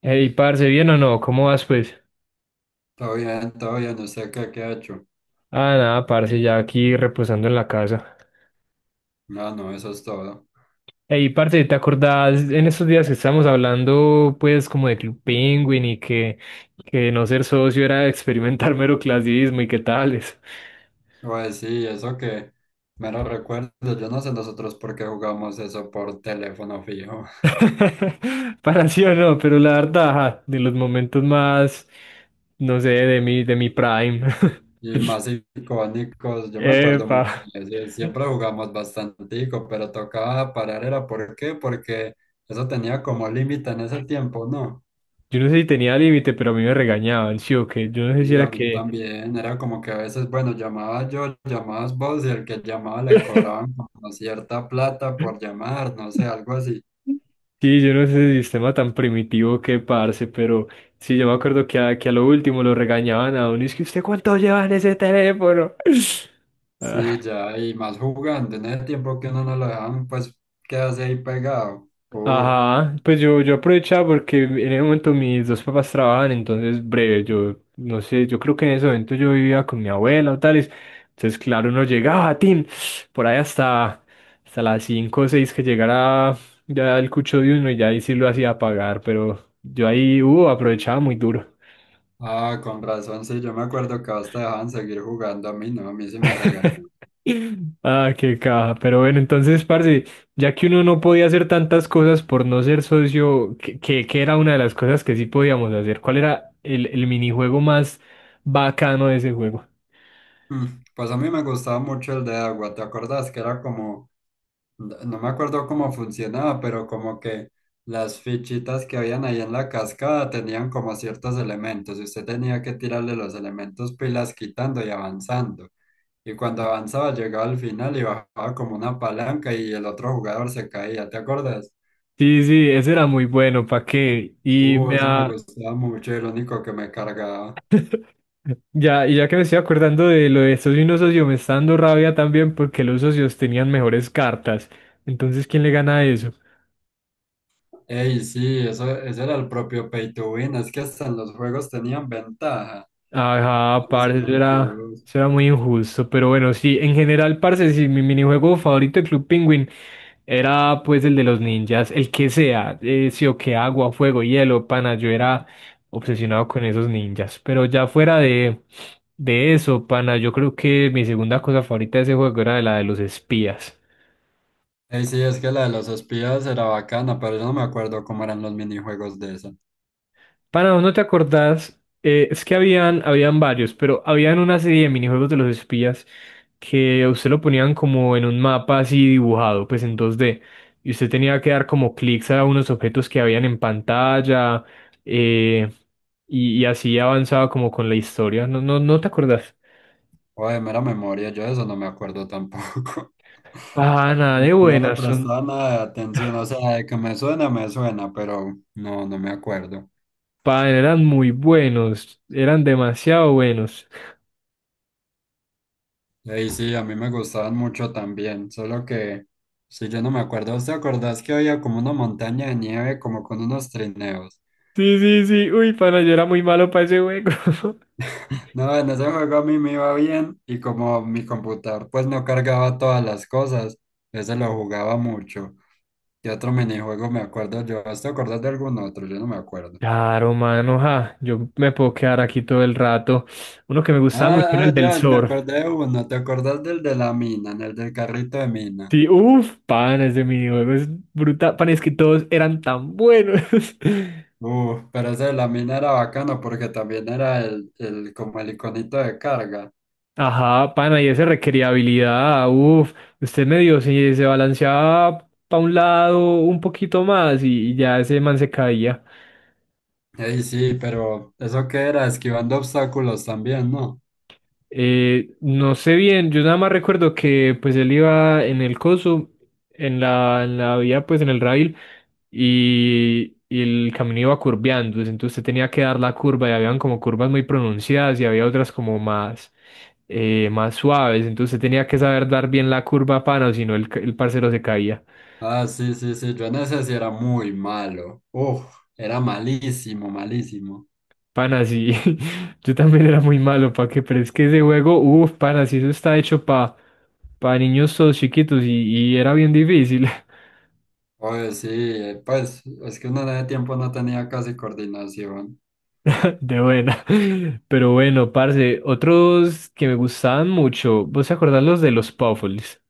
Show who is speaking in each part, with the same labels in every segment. Speaker 1: Ey, parce, ¿bien o no? ¿Cómo vas, pues?
Speaker 2: Todo bien, ¿usted qué, ha hecho?
Speaker 1: Ah, nada, parce, ya aquí reposando en la casa.
Speaker 2: Ah, no, eso es todo.
Speaker 1: Ey, parce, ¿te acordás en estos días que estábamos hablando, pues, como de Club Penguin y que no ser socio era experimentar mero clasismo y qué tales?
Speaker 2: Pues sí, eso que me lo recuerdo. Yo no sé nosotros por qué jugamos eso por teléfono fijo.
Speaker 1: Para sí o no, pero la verdad, ajá, de los momentos más, no sé, de mi prime.
Speaker 2: Y más icónicos, yo me acuerdo
Speaker 1: Epa.
Speaker 2: mucho de ese, siempre jugamos bastantico, pero tocaba parar, ¿era por qué? Porque eso tenía como límite en ese tiempo, ¿no?
Speaker 1: Yo no sé si tenía límite, pero a mí me regañaban, sí o qué. Yo no sé si
Speaker 2: Y a
Speaker 1: era
Speaker 2: mí
Speaker 1: que...
Speaker 2: también, era como que a veces, bueno, llamaba yo, llamabas vos y el que llamaba le cobraban como cierta plata por llamar, no sé, algo así.
Speaker 1: Sí, yo no sé ese sistema tan primitivo que parce, pero sí, yo me acuerdo que a lo último lo regañaban a uno, y es que usted cuánto lleva en ese teléfono. Ah,
Speaker 2: Sí, ya, y más jugando, en ese tiempo que uno no lo dejan, pues quedarse ahí pegado. Uf.
Speaker 1: ajá, pues yo aprovechaba porque en ese momento mis dos papás trabajaban, entonces breve, yo no sé, yo creo que en ese momento yo vivía con mi abuela o tales, entonces claro, uno llegaba, tin, por ahí hasta, hasta las 5 o 6 que llegara ya el cucho de uno y ya ahí sí lo hacía pagar, pero yo ahí, aprovechaba muy duro.
Speaker 2: Ah, con razón, sí, yo me acuerdo que hasta dejaban seguir jugando, a mí no, a mí sí me regañó.
Speaker 1: Ah, qué caja. Pero bueno, entonces, parce, ya que uno no podía hacer tantas cosas por no ser socio, que era una de las cosas que sí podíamos hacer. ¿Cuál era el minijuego más bacano de ese juego?
Speaker 2: Mm. Pues a mí me gustaba mucho el de agua, ¿te acordás? Que era como, no me acuerdo cómo funcionaba, pero como que las fichitas que habían ahí en la cascada tenían como ciertos elementos y usted tenía que tirarle los elementos pilas quitando y avanzando. Y cuando avanzaba, llegaba al final y bajaba como una palanca y el otro jugador se caía, ¿te acuerdas?
Speaker 1: Sí, sí, ese era muy bueno, ¿pa qué? Y me
Speaker 2: Ese me
Speaker 1: da,
Speaker 2: gustaba mucho, era el único que me cargaba.
Speaker 1: ya, y ya que me estoy acordando de lo de socio y no socio, me está dando rabia también porque los socios tenían mejores cartas. Entonces, ¿quién le gana a eso?
Speaker 2: Ey, sí, eso, ese era el propio pay to win, es que hasta en los juegos tenían ventaja.
Speaker 1: Ajá,
Speaker 2: Los
Speaker 1: parce, eso era,
Speaker 2: conchudos.
Speaker 1: eso era muy injusto, pero bueno, sí, en general, parce, sí, mi minijuego favorito de Club Penguin era pues el de los ninjas, el que sea, sí o que agua, fuego, hielo, pana, yo era obsesionado con esos ninjas, pero ya de eso, pana, yo creo que mi segunda cosa favorita de ese juego era la de los espías.
Speaker 2: Ey, sí, es que la de los espías era bacana, pero yo no me acuerdo cómo eran los minijuegos de esa.
Speaker 1: Para ¿no te acordás? Es que habían varios, pero habían una serie de minijuegos de los espías que a usted lo ponían como en un mapa así dibujado, pues en dos d, y usted tenía que dar como clics a unos objetos que habían en pantalla, eh, y así avanzaba como con la historia. No, no, ¿no te acordás?
Speaker 2: O de mera memoria, yo de eso no me acuerdo tampoco.
Speaker 1: Pana
Speaker 2: Como
Speaker 1: de
Speaker 2: que no le
Speaker 1: buenas, son,
Speaker 2: prestaba nada de atención, o sea, de que me suena, pero no, no me acuerdo.
Speaker 1: pana, eran muy buenos, eran demasiado buenos.
Speaker 2: Ey, sí, a mí me gustaban mucho también, solo que si yo no me acuerdo, ¿usted acordás que había como una montaña de nieve como con unos trineos?
Speaker 1: Sí, sí, sí, uy, pana, yo era muy malo para ese juego.
Speaker 2: No, en ese juego a mí me iba bien y como mi computador pues no cargaba todas las cosas, ese lo jugaba mucho. ¿Qué otro minijuego me acuerdo yo? ¿Usted acordás de algún otro? Yo no me acuerdo.
Speaker 1: Claro, mano, ja, yo me puedo quedar aquí todo el rato. Uno que me gustaba
Speaker 2: Ah,
Speaker 1: mucho era el
Speaker 2: ah,
Speaker 1: del
Speaker 2: ya, me
Speaker 1: surf.
Speaker 2: acordé de uno, ¿te acordás del de la mina, en el del carrito de mina?
Speaker 1: Sí, uff, pan, ese minijuego es brutal. Pan, es que todos eran tan buenos.
Speaker 2: Pero ese de la mina era bacano porque también era el como el iconito de carga.
Speaker 1: Ajá, pana, y ese requería habilidad. Uf, usted medio se balanceaba para un lado un poquito más y ya ese man se caía.
Speaker 2: Ey, sí, pero eso que era esquivando obstáculos también, ¿no?
Speaker 1: No sé bien, yo nada más recuerdo que pues él iba en el coso, en la vía, pues en el rail. Y el camino iba curveando, entonces usted tenía que dar la curva y habían como curvas muy pronunciadas y había otras como más, más suaves, entonces usted tenía que saber dar bien la curva, pana, o si no el, el parcero se caía.
Speaker 2: Ah, sí, sí, sí, yo en ese sí era muy malo. Uf, era malísimo, malísimo.
Speaker 1: Pana, sí, yo también era muy malo, pa' que, pero es que ese juego, uff, pana, sí, eso está hecho pa' para niños todos chiquitos y era bien difícil.
Speaker 2: Oye, sí, pues es que uno de tiempo no tenía casi coordinación.
Speaker 1: De buena. Pero bueno, parce, otros que me gustaban mucho, ¿vos te acordás los de los Puffles?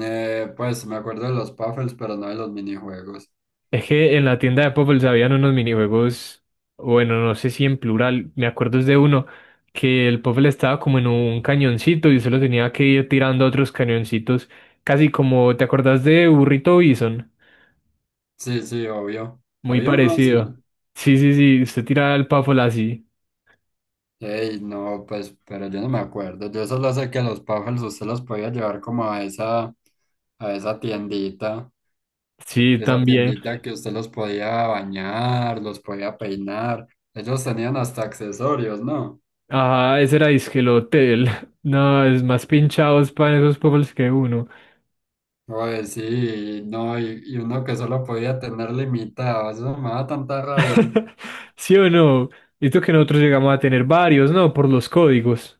Speaker 2: Pues me acuerdo de los puffles, pero no de los minijuegos.
Speaker 1: Es que en la tienda de Popple habían unos minijuegos, bueno, no sé si en plural, me acuerdo es de uno, que el Popple estaba como en un cañoncito y solo tenía que ir tirando otros cañoncitos, casi como, ¿te acordás de Burrito Bison?
Speaker 2: Sí, sí, obvio.
Speaker 1: Muy
Speaker 2: Había uno así.
Speaker 1: parecido. Sí, sí, sí, usted tiraba el Puffle así.
Speaker 2: Ey, no, pues, pero yo no me acuerdo. Yo solo sé que los puffles usted los podía llevar como a esa tiendita.
Speaker 1: Sí,
Speaker 2: Esa
Speaker 1: también.
Speaker 2: tiendita que usted los podía bañar, los podía peinar. Ellos tenían hasta accesorios, ¿no?
Speaker 1: Ajá, ese era disque el hotel. No, es más pinchados para esos Puffles que uno.
Speaker 2: Oye, sí, no, y uno que solo podía tener limitado. Eso me da tanta rabia.
Speaker 1: ¿Sí o no? Esto que nosotros llegamos a tener varios, ¿no? Por los códigos.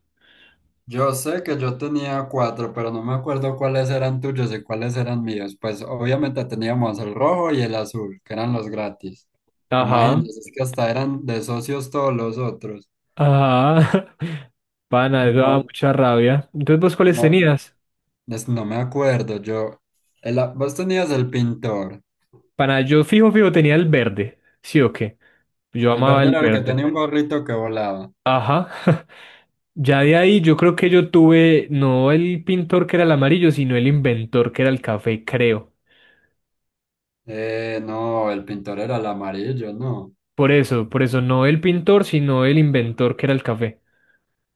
Speaker 2: Yo sé que yo tenía cuatro, pero no me acuerdo cuáles eran tuyos y cuáles eran míos. Pues obviamente teníamos el rojo y el azul, que eran los gratis.
Speaker 1: Ajá.
Speaker 2: Imagínense, es que hasta eran de socios todos los otros.
Speaker 1: Ah, pana, eso daba
Speaker 2: No,
Speaker 1: mucha rabia. Entonces, ¿vos cuáles
Speaker 2: no,
Speaker 1: tenías?
Speaker 2: no me acuerdo. Yo, vos tenías el pintor.
Speaker 1: Pana, yo tenía el verde. ¿Sí o qué? Yo
Speaker 2: El
Speaker 1: amaba
Speaker 2: verde
Speaker 1: el
Speaker 2: era el que
Speaker 1: verde.
Speaker 2: tenía un gorrito que volaba.
Speaker 1: Ajá. Ya de ahí yo creo que yo tuve no el pintor que era el amarillo, sino el inventor que era el café, creo.
Speaker 2: No, el pintor era el amarillo, no.
Speaker 1: Por eso no el pintor, sino el inventor que era el café.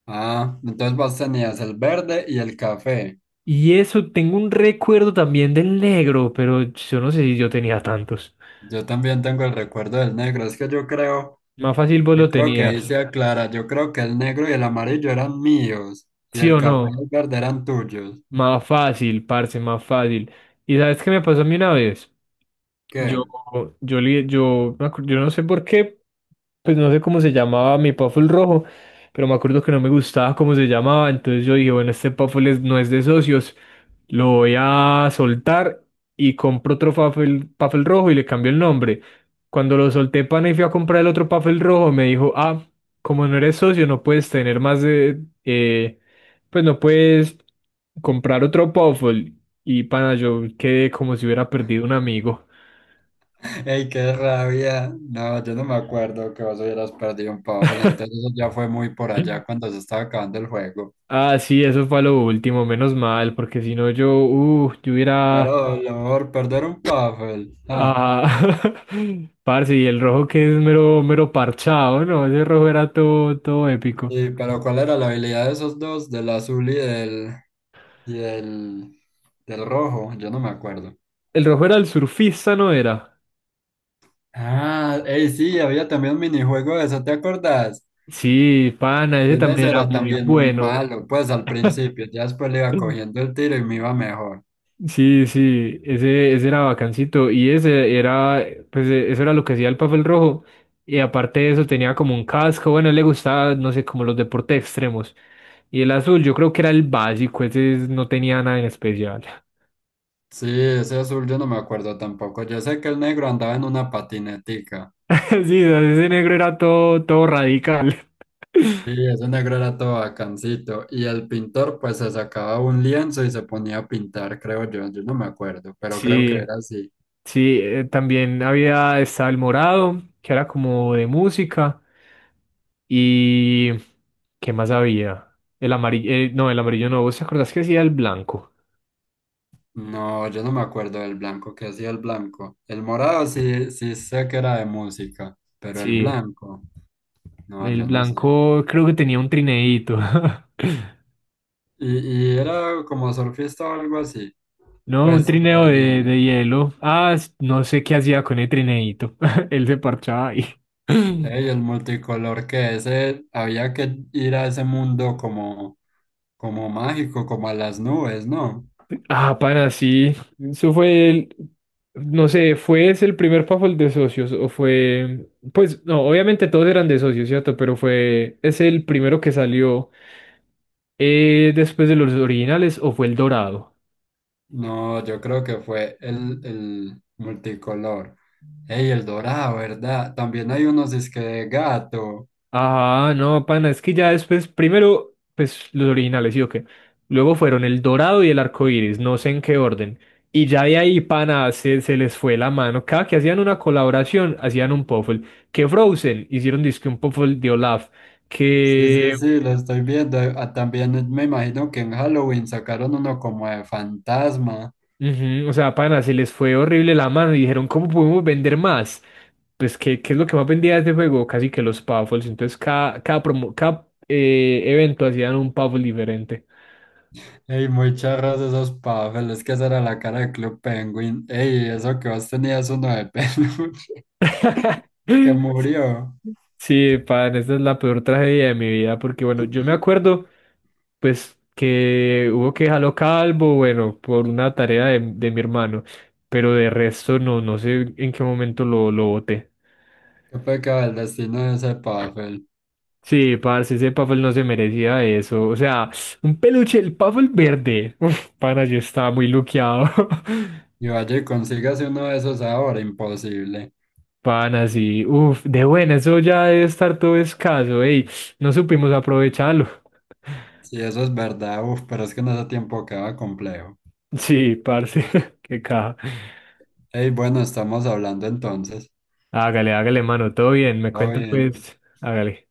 Speaker 2: Ah, entonces vos tenías el verde y el café.
Speaker 1: Y eso, tengo un recuerdo también del negro, pero yo no sé si yo tenía tantos.
Speaker 2: Yo también tengo el recuerdo del negro. Es que
Speaker 1: Más fácil vos
Speaker 2: yo
Speaker 1: lo
Speaker 2: creo que ahí se
Speaker 1: tenías,
Speaker 2: aclara. Yo creo que el negro y el amarillo eran míos y
Speaker 1: ¿sí
Speaker 2: el
Speaker 1: o
Speaker 2: café y el
Speaker 1: no?
Speaker 2: verde eran tuyos.
Speaker 1: Más fácil, parce, más fácil. ¿Y sabes qué me pasó a mí una vez?
Speaker 2: ¿Qué?
Speaker 1: Yo, yo, li- yo, me acu- yo no sé por qué, pues no sé cómo se llamaba mi Puffle rojo, pero me acuerdo que no me gustaba cómo se llamaba, entonces yo dije, bueno, este Puffle no es de socios, lo voy a soltar y compro otro Puffle, Puffle rojo y le cambio el nombre. Cuando lo solté, pana, y fui a comprar el otro Puffle rojo, me dijo, ah, como no eres socio, no puedes tener más de, pues no puedes comprar otro Puffle. Y pana, yo quedé como si hubiera perdido un amigo.
Speaker 2: ¡Ey, qué rabia! No, yo no me acuerdo que vos hubieras perdido un pavo. Entonces eso ya fue muy por allá cuando se estaba acabando el juego.
Speaker 1: Ah, sí, eso fue a lo último, menos mal, porque si no yo, yo hubiera,
Speaker 2: Pero lo mejor perder un Puffle. Ah.
Speaker 1: ah, parce, y el rojo que es mero parchado, ¿no? Ese rojo era todo, todo épico.
Speaker 2: Sí, pero ¿cuál era la habilidad de esos dos? Del azul y del, del rojo. Yo no me acuerdo.
Speaker 1: El rojo era el surfista, ¿no era?
Speaker 2: Ah, hey, sí, había también un minijuego de eso, ¿te acordás?
Speaker 1: Sí, pana, ese
Speaker 2: Yo en
Speaker 1: también
Speaker 2: ese
Speaker 1: era
Speaker 2: era
Speaker 1: muy
Speaker 2: también muy
Speaker 1: bueno.
Speaker 2: malo, pues al principio, ya después le iba cogiendo el tiro y me iba mejor.
Speaker 1: Sí, sí, ese era bacancito y ese era, pues eso era lo que hacía el papel rojo y aparte de eso tenía como un casco, bueno, a él le gustaba, no sé, como los deportes extremos y el azul yo creo que era el básico, no tenía nada en especial.
Speaker 2: Sí, ese azul yo no me acuerdo tampoco. Yo sé que el negro andaba en una patinetica.
Speaker 1: Sí, o sea, ese negro era todo, todo radical.
Speaker 2: Sí, ese negro era todo bacancito. Y el pintor pues se sacaba un lienzo y se ponía a pintar, creo yo. Yo no me acuerdo, pero creo que
Speaker 1: Sí.
Speaker 2: era así.
Speaker 1: Sí, también había estaba el morado, que era como de música. ¿Y qué más había? El amarillo, no, el amarillo no. ¿Vos te acordás que hacía el blanco?
Speaker 2: No, yo no me acuerdo del blanco, que hacía el blanco. El morado sí, sí sé que era de música, pero el
Speaker 1: Sí,
Speaker 2: blanco, no,
Speaker 1: el
Speaker 2: yo no sé.
Speaker 1: blanco creo que tenía un trineíto.
Speaker 2: Y era como surfista o algo así.
Speaker 1: No, un
Speaker 2: Pues, pero
Speaker 1: trineo
Speaker 2: de niño.
Speaker 1: de hielo. Ah, no sé qué hacía con el trineíto. Él se parchaba ahí.
Speaker 2: Ey, el multicolor que ese, había que ir a ese mundo como, como mágico, como a las nubes, ¿no?
Speaker 1: Ah, pana, sí. Eso fue el, no sé, ¿fue ese el primer Puffle de socios? O fue, pues no, obviamente todos eran de socios, ¿cierto? Pero fue es el primero que salió después de los originales, o fue el dorado.
Speaker 2: No, yo creo que fue el multicolor. Ey, el dorado, ¿verdad? También hay unos disque de gato.
Speaker 1: Ah, no, pana, es que ya después, primero, pues los originales, ¿sí o qué? Luego fueron El Dorado y El Arco Iris, no sé en qué orden. Y ya de ahí, pana, se les fue la mano. Cada que hacían una colaboración, hacían un Puffle. Que Frozen hicieron disque un Puffle de Olaf.
Speaker 2: Sí, sí,
Speaker 1: Que,
Speaker 2: sí, lo estoy viendo. Ah, también me imagino que en Halloween sacaron uno como de fantasma.
Speaker 1: ujú, o sea, pana, se les fue horrible la mano y dijeron, ¿cómo podemos vender más? Pues, ¿qué es lo que más vendía de este juego? Casi que los Puffles. Entonces, cada evento hacían un Puffle diferente.
Speaker 2: Ey, muy charros esos pavos, es que esa era la cara de Club Penguin. Ey, eso que vos tenías uno de peluche que murió.
Speaker 1: Sí, pan, esa es la peor tragedia de mi vida, porque bueno, yo me acuerdo, pues, que hubo que dejarlo calvo, bueno, por una tarea de mi hermano, pero de resto no, no sé en qué momento lo boté.
Speaker 2: Qué pecado el destino de ese Pavel.
Speaker 1: Sí, parce, ese Puffle no se merecía eso. O sea, un peluche, el Puffle verde. Uf, pana, yo estaba muy luqueado.
Speaker 2: Y vaya y consígase uno de esos ahora, imposible.
Speaker 1: Pan así, uff, de buena, eso ya debe estar todo escaso, ey, no supimos aprovecharlo.
Speaker 2: Si eso es verdad, uff, pero es que en ese tiempo queda complejo.
Speaker 1: Sí, parce, qué caja.
Speaker 2: Ey, bueno, estamos hablando entonces.
Speaker 1: Hágale, hágale, mano, todo bien, me
Speaker 2: Todo
Speaker 1: cuenta
Speaker 2: bien.
Speaker 1: pues, hágale.